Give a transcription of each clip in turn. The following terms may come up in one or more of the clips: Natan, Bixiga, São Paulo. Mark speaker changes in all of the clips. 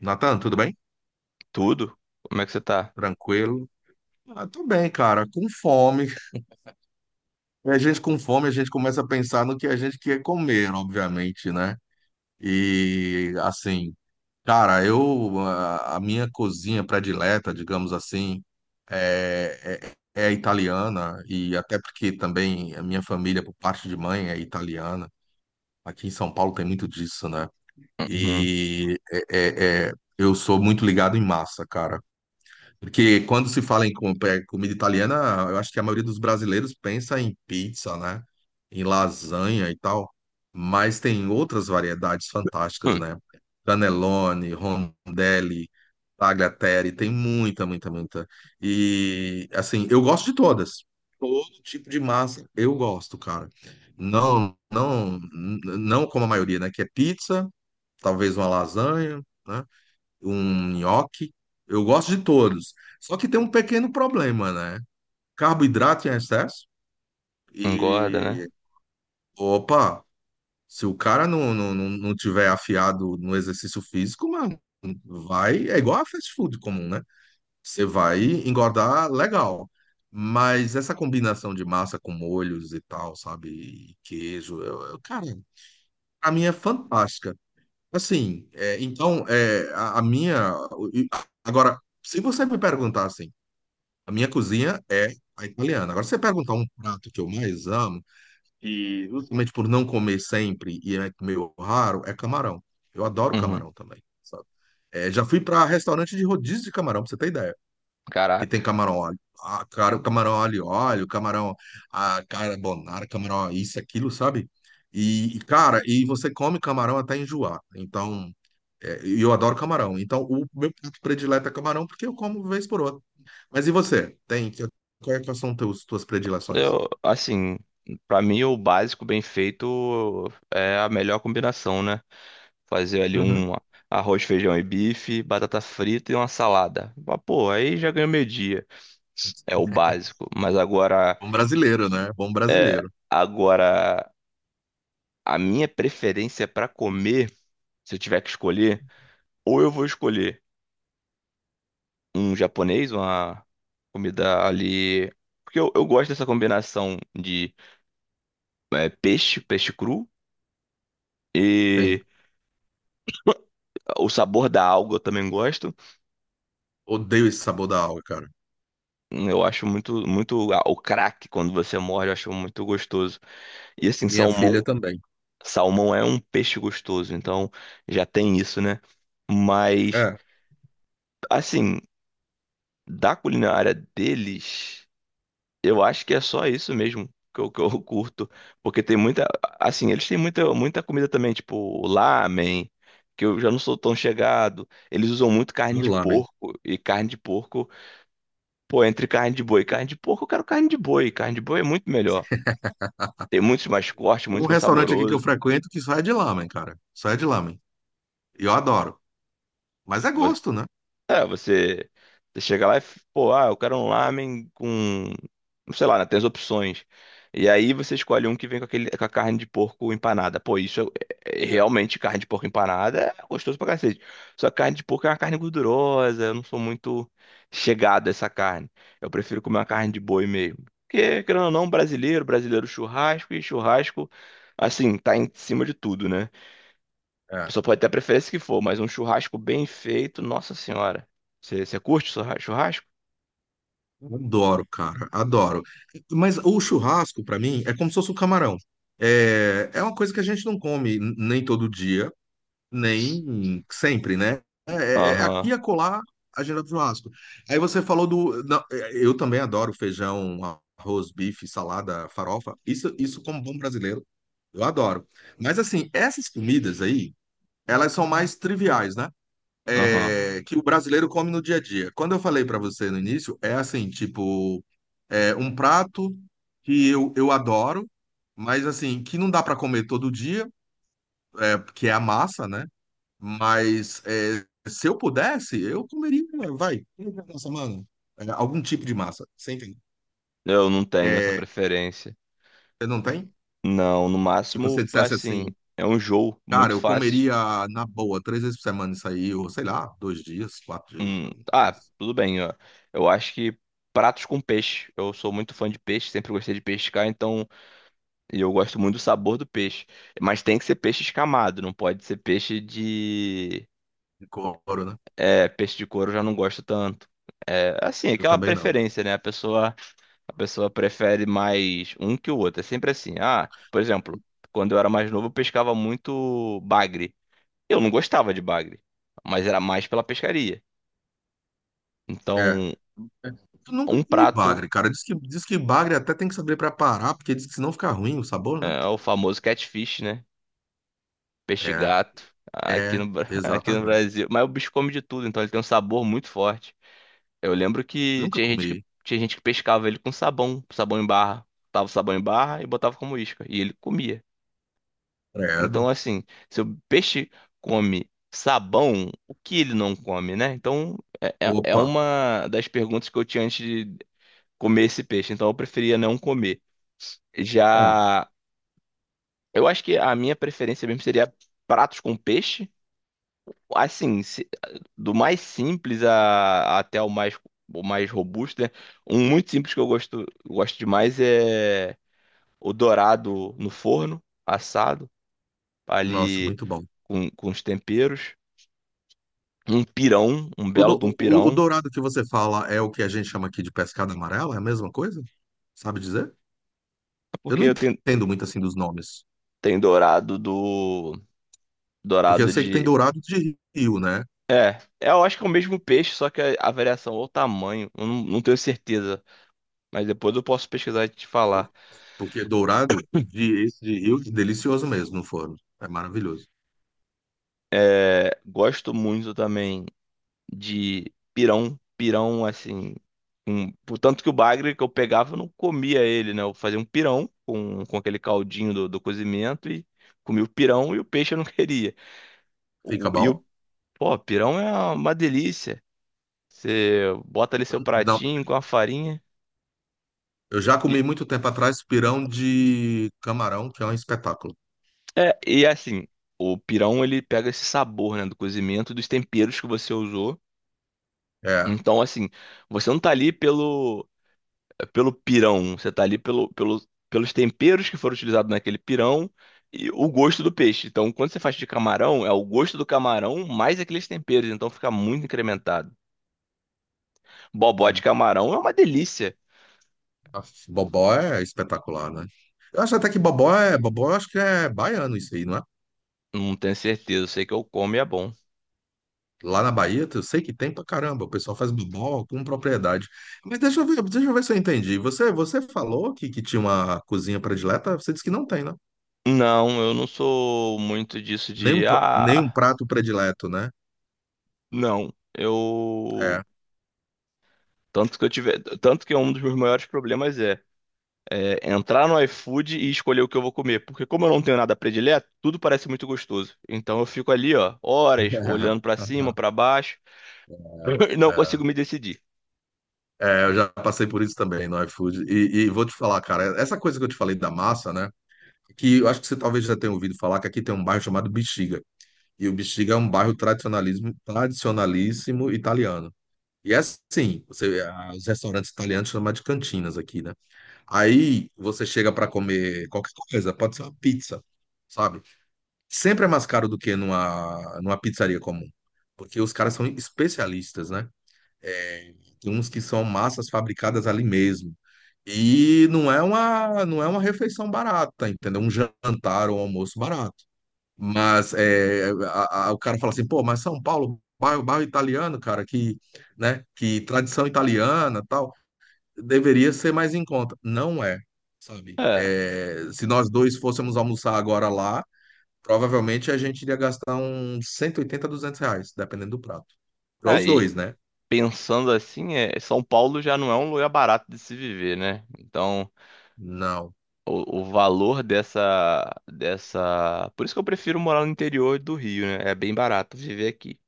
Speaker 1: Natan, tudo bem?
Speaker 2: Tudo? Como é que você tá?
Speaker 1: Tranquilo? Ah, tô bem, cara. Com fome. E a gente com fome, a gente começa a pensar no que a gente quer comer, obviamente, né? E assim, cara, eu a minha cozinha predileta, digamos assim, é, é italiana e até porque também a minha família, por parte de mãe, é italiana. Aqui em São Paulo tem muito disso, né?
Speaker 2: Uhum.
Speaker 1: E eu sou muito ligado em massa, cara. Porque quando se fala em comida italiana, eu acho que a maioria dos brasileiros pensa em pizza, né? Em lasanha e tal. Mas tem outras variedades fantásticas,
Speaker 2: Hum,
Speaker 1: né? Cannelloni, rondelli, tagliatelle, tem muita. E, assim, eu gosto de todas. Todo tipo de massa eu gosto, cara. Não como a maioria, né? Que é pizza, talvez uma lasanha, né? Um nhoque. Eu gosto de todos. Só que tem um pequeno problema, né? Carboidrato em excesso.
Speaker 2: Engorda,
Speaker 1: E,
Speaker 2: né?
Speaker 1: opa, se o cara não tiver afiado no exercício físico, mano, vai. É igual a fast food comum, né? Você vai engordar legal. Mas essa combinação de massa com molhos e tal, sabe? E queijo, cara, pra mim é fantástica. Assim, é, então, é, a minha. Agora, se você me perguntar assim, a minha cozinha é a italiana. Agora, se você perguntar um prato que eu mais amo, e justamente por não comer sempre e é meio raro, é camarão. Eu adoro
Speaker 2: Uhum.
Speaker 1: camarão também, sabe? É, já fui para restaurante de rodízio de camarão, pra você ter ideia. Que tem
Speaker 2: Caraca.
Speaker 1: camarão óleo. Ah, cara, o camarão alho e óleo, camarão carbonara, camarão isso, aquilo, sabe? E, cara, e você come camarão até enjoar. Então, é, e eu adoro camarão. Então, o meu prato predileto é camarão porque eu como vez por outra. Mas e você? Quais são teus, tuas predileções?
Speaker 2: Eu, assim, pra mim o básico bem feito é a melhor combinação, né? Fazer ali
Speaker 1: Uhum.
Speaker 2: um arroz, feijão e bife, batata frita e uma salada. Mas, pô, aí já ganhou meio-dia. É o básico. Mas agora,
Speaker 1: Bom brasileiro, né? Bom
Speaker 2: é,
Speaker 1: brasileiro.
Speaker 2: agora a minha preferência pra comer, se eu tiver que escolher, ou eu vou escolher um japonês, uma comida ali. Porque eu gosto dessa combinação de peixe cru, e
Speaker 1: Tem.
Speaker 2: o sabor da alga eu também gosto.
Speaker 1: Odeio esse sabor da aula, cara.
Speaker 2: Eu acho muito, muito. Ah, o craque, quando você morde, eu acho muito gostoso. E assim,
Speaker 1: Minha
Speaker 2: salmão.
Speaker 1: filha também.
Speaker 2: Salmão é um peixe gostoso, então já tem isso, né? Mas,
Speaker 1: É,
Speaker 2: assim, da culinária deles. Eu acho que é só isso mesmo que eu curto. Porque tem muita. Assim, eles têm muita, muita comida também, tipo lamen, que eu já não sou tão chegado. Eles usam muito carne
Speaker 1: adoro
Speaker 2: de
Speaker 1: lamen.
Speaker 2: porco. E carne de porco, pô, entre carne de boi e carne de porco, eu quero carne de boi. Carne de boi é muito melhor. Tem muito mais corte,
Speaker 1: Tem um
Speaker 2: muito mais
Speaker 1: restaurante aqui que eu
Speaker 2: saboroso.
Speaker 1: frequento que só é de lamen, cara. Só é de lamen. E eu adoro. Mas é gosto, né?
Speaker 2: É, você chega lá e, pô, eu quero um lamen com, sei lá, né, tem as opções. E aí você escolhe um que vem com aquele, com a carne de porco empanada. Pô, isso é realmente carne de porco empanada é gostoso pra cacete. Só que carne de porco é uma carne gordurosa, eu não sou muito chegado a essa carne. Eu prefiro comer uma carne de boi mesmo. Porque, querendo ou não, brasileiro churrasco e churrasco, assim, tá em cima de tudo, né? A
Speaker 1: É.
Speaker 2: pessoa pode ter a preferência que for, mas um churrasco bem feito, nossa senhora. Você curte churrasco?
Speaker 1: Adoro, cara. Adoro. Mas o churrasco, pra mim, é como se fosse o camarão. É, é uma coisa que a gente não come nem todo dia. Nem sempre, né? É
Speaker 2: Aham,
Speaker 1: aqui e acolá a agenda do churrasco. Aí você falou do. Não, é, eu também adoro feijão, arroz, bife, salada, farofa. Isso como bom brasileiro, eu adoro. Mas assim, essas comidas aí, elas são mais triviais, né?
Speaker 2: aham.
Speaker 1: É, que o brasileiro come no dia a dia. Quando eu falei pra você no início, é assim, tipo, é um prato que eu adoro, mas assim, que não dá pra comer todo dia, é, que é a massa, né? Mas é, se eu pudesse, eu comeria, vai, uma semana, é, algum tipo de massa, você entende?
Speaker 2: Eu não tenho essa
Speaker 1: É,
Speaker 2: preferência.
Speaker 1: você não tem?
Speaker 2: Não, no
Speaker 1: Que você
Speaker 2: máximo,
Speaker 1: dissesse
Speaker 2: assim,
Speaker 1: assim,
Speaker 2: é um jogo
Speaker 1: cara,
Speaker 2: muito
Speaker 1: eu
Speaker 2: fácil.
Speaker 1: comeria na boa três vezes por semana isso aí, ou sei lá, dois dias, quatro dias,
Speaker 2: Ah, tudo bem, ó. Eu acho que pratos com peixe. Eu sou muito fã de peixe, sempre gostei de pescar, então. E eu gosto muito do sabor do peixe. Mas tem que ser peixe escamado, não pode ser peixe de.
Speaker 1: de couro, né?
Speaker 2: É, peixe de couro eu já não gosto tanto. É, assim,
Speaker 1: Eu
Speaker 2: aquela
Speaker 1: também não.
Speaker 2: preferência, né? A pessoa prefere mais um que o outro. É sempre assim. Ah, por exemplo, quando eu era mais novo, eu pescava muito bagre. Eu não gostava de bagre, mas era mais pela pescaria.
Speaker 1: É.
Speaker 2: Então,
Speaker 1: Eu nunca
Speaker 2: um
Speaker 1: comi
Speaker 2: prato
Speaker 1: bagre, cara. Diz que bagre até tem que saber preparar, porque diz que senão fica ruim o sabor, né?
Speaker 2: é o famoso catfish, né? Peixe
Speaker 1: É,
Speaker 2: gato, aqui
Speaker 1: é,
Speaker 2: no, Bra- aqui no
Speaker 1: exatamente.
Speaker 2: Brasil. Mas o bicho come de tudo, então ele tem um sabor muito forte. Eu lembro que
Speaker 1: Nunca
Speaker 2: tinha gente que,
Speaker 1: comi.
Speaker 2: tinha gente que pescava ele com sabão, sabão em barra. Botava o sabão em barra e botava como isca. E ele comia. Então,
Speaker 1: Credo.
Speaker 2: assim, se o peixe come sabão, o que ele não come, né? Então, é
Speaker 1: Opa.
Speaker 2: uma das perguntas que eu tinha antes de comer esse peixe. Então, eu preferia não comer.
Speaker 1: É.
Speaker 2: Já, eu acho que a minha preferência mesmo seria pratos com peixe. Assim, do mais simples até o mais robusto, né? Um muito simples que eu gosto, gosto demais é o dourado no forno, assado,
Speaker 1: Nossa,
Speaker 2: ali
Speaker 1: muito bom.
Speaker 2: com, os temperos. Um pirão, um
Speaker 1: O,
Speaker 2: belo
Speaker 1: do-
Speaker 2: de um
Speaker 1: o, o
Speaker 2: pirão,
Speaker 1: dourado que você fala é o que a gente chama aqui de pescada amarela? É a mesma coisa? Sabe dizer? Eu
Speaker 2: porque
Speaker 1: não entendo muito assim dos nomes.
Speaker 2: tem dourado do.
Speaker 1: Porque eu
Speaker 2: Dourado
Speaker 1: sei que tem
Speaker 2: de.
Speaker 1: dourado de rio, né?
Speaker 2: É, eu acho que é o mesmo peixe, só que a variação ou o tamanho, eu não tenho certeza. Mas depois eu posso pesquisar e te falar.
Speaker 1: Por- Porque dourado de, esse de rio é delicioso mesmo no forno. É maravilhoso.
Speaker 2: É, gosto muito também de pirão. Pirão, assim. Um, Tanto que o bagre que eu pegava, eu não comia ele, né? Eu fazia um pirão com, aquele caldinho do cozimento e comia o pirão e o peixe eu não queria. O,
Speaker 1: Fica
Speaker 2: e
Speaker 1: bom?
Speaker 2: o, Pô, pirão é uma delícia. Você bota ali seu
Speaker 1: Não.
Speaker 2: pratinho com a farinha.
Speaker 1: Eu já
Speaker 2: E,
Speaker 1: comi muito tempo atrás pirão de camarão, que é um espetáculo.
Speaker 2: e assim, o pirão ele pega esse sabor, né, do cozimento dos temperos que você usou.
Speaker 1: É.
Speaker 2: Então, assim, você não tá ali pelo pirão, você tá ali pelos temperos que foram utilizados naquele pirão e o gosto do peixe. Então, quando você faz de camarão, é o gosto do camarão mais aqueles temperos, então fica muito incrementado. Bobó de camarão é uma delícia.
Speaker 1: Aff, bobó é espetacular, né? Eu acho até que bobó é. Bobó, eu acho que é baiano isso aí, não é?
Speaker 2: Não tenho certeza, sei que eu como e é bom.
Speaker 1: Lá na Bahia, eu sei que tem pra caramba, o pessoal faz bobó com propriedade. Mas deixa eu ver se eu entendi. Você falou que tinha uma cozinha predileta, você disse que não tem, né?
Speaker 2: Não, eu não sou muito disso
Speaker 1: Nenhum,
Speaker 2: de
Speaker 1: nenhum
Speaker 2: ah,
Speaker 1: prato predileto, né?
Speaker 2: não. Eu
Speaker 1: É.
Speaker 2: tanto que é um dos meus maiores problemas é entrar no iFood e escolher o que eu vou comer, porque como eu não tenho nada predileto, tudo parece muito gostoso. Então eu fico ali, ó, horas olhando pra cima, pra baixo, e não
Speaker 1: É,
Speaker 2: consigo me decidir.
Speaker 1: é, eu já passei por isso também no iFood. E vou te falar, cara, essa coisa que eu te falei da massa, né? Que eu acho que você talvez já tenha ouvido falar que aqui tem um bairro chamado Bixiga. E o Bixiga é um bairro tradicionalismo, tradicionalíssimo italiano. E é assim, os restaurantes italianos chamam de cantinas aqui, né? Aí você chega para comer qualquer coisa, pode ser uma pizza, sabe? Sempre é mais caro do que numa pizzaria comum, porque os caras são especialistas, né? É, tem uns que são massas fabricadas ali mesmo. E não é uma refeição barata, entendeu? Um jantar ou um almoço barato. Mas é, o cara fala assim, pô, mas São Paulo, bairro italiano, cara, que, né, que tradição italiana, tal, deveria ser mais em conta. Não é, sabe?
Speaker 2: É,
Speaker 1: É, se nós dois fôssemos almoçar agora lá, provavelmente a gente iria gastar uns 180, 200 reais, dependendo do prato. Para os
Speaker 2: aí
Speaker 1: dois, né?
Speaker 2: pensando assim, São Paulo já não é um lugar barato de se viver, né? Então,
Speaker 1: Não.
Speaker 2: o valor dessa. Por isso que eu prefiro morar no interior do Rio, né? É bem barato viver aqui.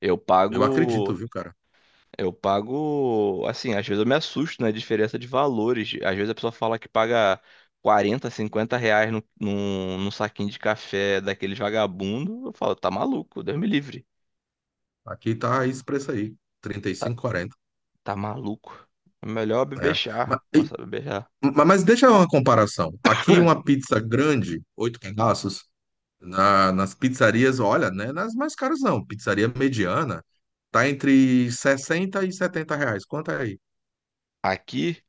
Speaker 2: Eu
Speaker 1: Eu acredito,
Speaker 2: pago.
Speaker 1: viu, cara?
Speaker 2: Eu pago. Assim, às vezes eu me assusto na diferença de valores. Às vezes a pessoa fala que paga 40, 50 reais num saquinho de café daqueles vagabundo. Eu falo, tá maluco, Deus me livre.
Speaker 1: Aqui tá esse preço aí, 35, 40,
Speaker 2: Tá maluco. É melhor beber
Speaker 1: né? Mas,
Speaker 2: chá. Começar a beber chá.
Speaker 1: mas deixa uma comparação. Aqui uma pizza grande, oito pedaços, nas pizzarias, olha, né? Nas mais caras não. Pizzaria mediana tá entre 60 e 70 reais. Quanto é aí?
Speaker 2: Aqui,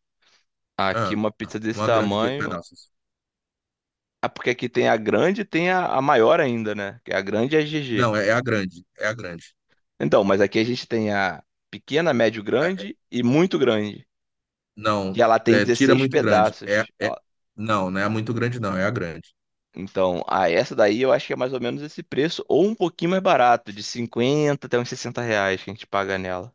Speaker 2: aqui,
Speaker 1: Ah,
Speaker 2: uma pizza desse
Speaker 1: uma grande de oito
Speaker 2: tamanho.
Speaker 1: pedaços.
Speaker 2: Ah, porque aqui tem a grande e tem a maior ainda, né? Que é a grande é GG.
Speaker 1: Não, é a grande. É a grande.
Speaker 2: Então, mas aqui a gente tem a pequena, médio,
Speaker 1: É-
Speaker 2: grande e muito grande.
Speaker 1: não,
Speaker 2: E ela tem
Speaker 1: é, Tira
Speaker 2: 16
Speaker 1: muito grande.
Speaker 2: pedaços.
Speaker 1: Não, não é a muito grande, não. É a grande.
Speaker 2: Então, ah, essa daí eu acho que é mais ou menos esse preço, ou um pouquinho mais barato, de 50 até uns 60 reais que a gente paga nela.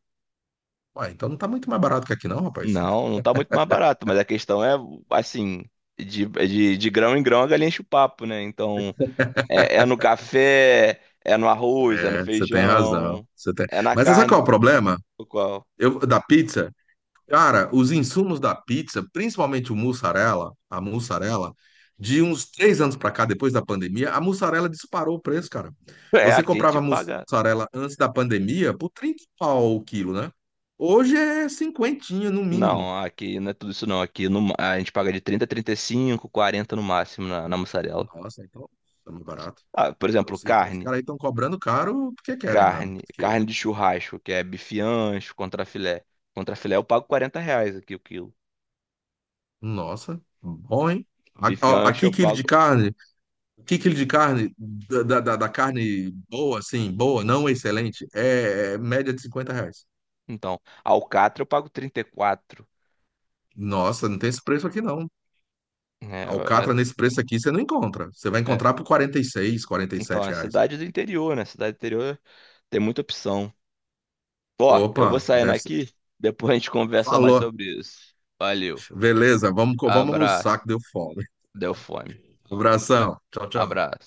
Speaker 1: Ué, então não tá muito mais barato que aqui, não, rapaz.
Speaker 2: Não, não tá muito mais barato, mas a questão é, assim, de grão em grão a galinha enche o papo, né? Então, é no café, é no arroz, é no
Speaker 1: É, você tem razão.
Speaker 2: feijão,
Speaker 1: Você tem...
Speaker 2: é na
Speaker 1: Mas sabe qual
Speaker 2: carne.
Speaker 1: é o problema?
Speaker 2: O qual?
Speaker 1: Eu, da pizza? Cara, os insumos da pizza, principalmente o mussarela, a mussarela, de uns três anos para cá, depois da pandemia, a mussarela disparou o preço, cara.
Speaker 2: É,
Speaker 1: Você
Speaker 2: aqui a gente
Speaker 1: comprava
Speaker 2: paga.
Speaker 1: mussarela antes da pandemia por 30 pau o quilo, né? Hoje é cinquentinha no mínimo.
Speaker 2: Não, aqui não é tudo isso não. Aqui a gente paga de 30 a 35, 40 no máximo na mussarela.
Speaker 1: Nossa, então tá muito barato.
Speaker 2: Ah, por exemplo,
Speaker 1: Então os
Speaker 2: carne.
Speaker 1: caras aí estão cobrando caro porque querem, mano.
Speaker 2: Carne.
Speaker 1: Porque,
Speaker 2: Carne de churrasco, que é bife ancho, contrafilé. Contrafilé eu pago 40 reais aqui o quilo.
Speaker 1: nossa, bom, hein?
Speaker 2: Bife ancho
Speaker 1: Aqui,
Speaker 2: eu
Speaker 1: quilo de
Speaker 2: pago.
Speaker 1: carne que quilo de carne, da carne boa, assim, boa, não excelente, é média de 50 reais.
Speaker 2: Então, alcatra eu pago 34.
Speaker 1: Nossa, não tem esse preço aqui não.
Speaker 2: É,
Speaker 1: Alcatra nesse preço aqui você não encontra. Você vai
Speaker 2: é, é.
Speaker 1: encontrar por quarenta quarenta e seis quarenta e
Speaker 2: Então,
Speaker 1: sete
Speaker 2: é
Speaker 1: reais.
Speaker 2: cidade do interior, né? Cidade do interior tem muita opção. Ó, eu vou
Speaker 1: Opa,
Speaker 2: saindo
Speaker 1: deve ser.
Speaker 2: aqui, depois a gente conversa mais
Speaker 1: Falou.
Speaker 2: sobre isso. Valeu.
Speaker 1: Beleza, vamos almoçar
Speaker 2: Abraço.
Speaker 1: que deu fome.
Speaker 2: Deu fome.
Speaker 1: Abração. Tchau, tchau.
Speaker 2: Abraço.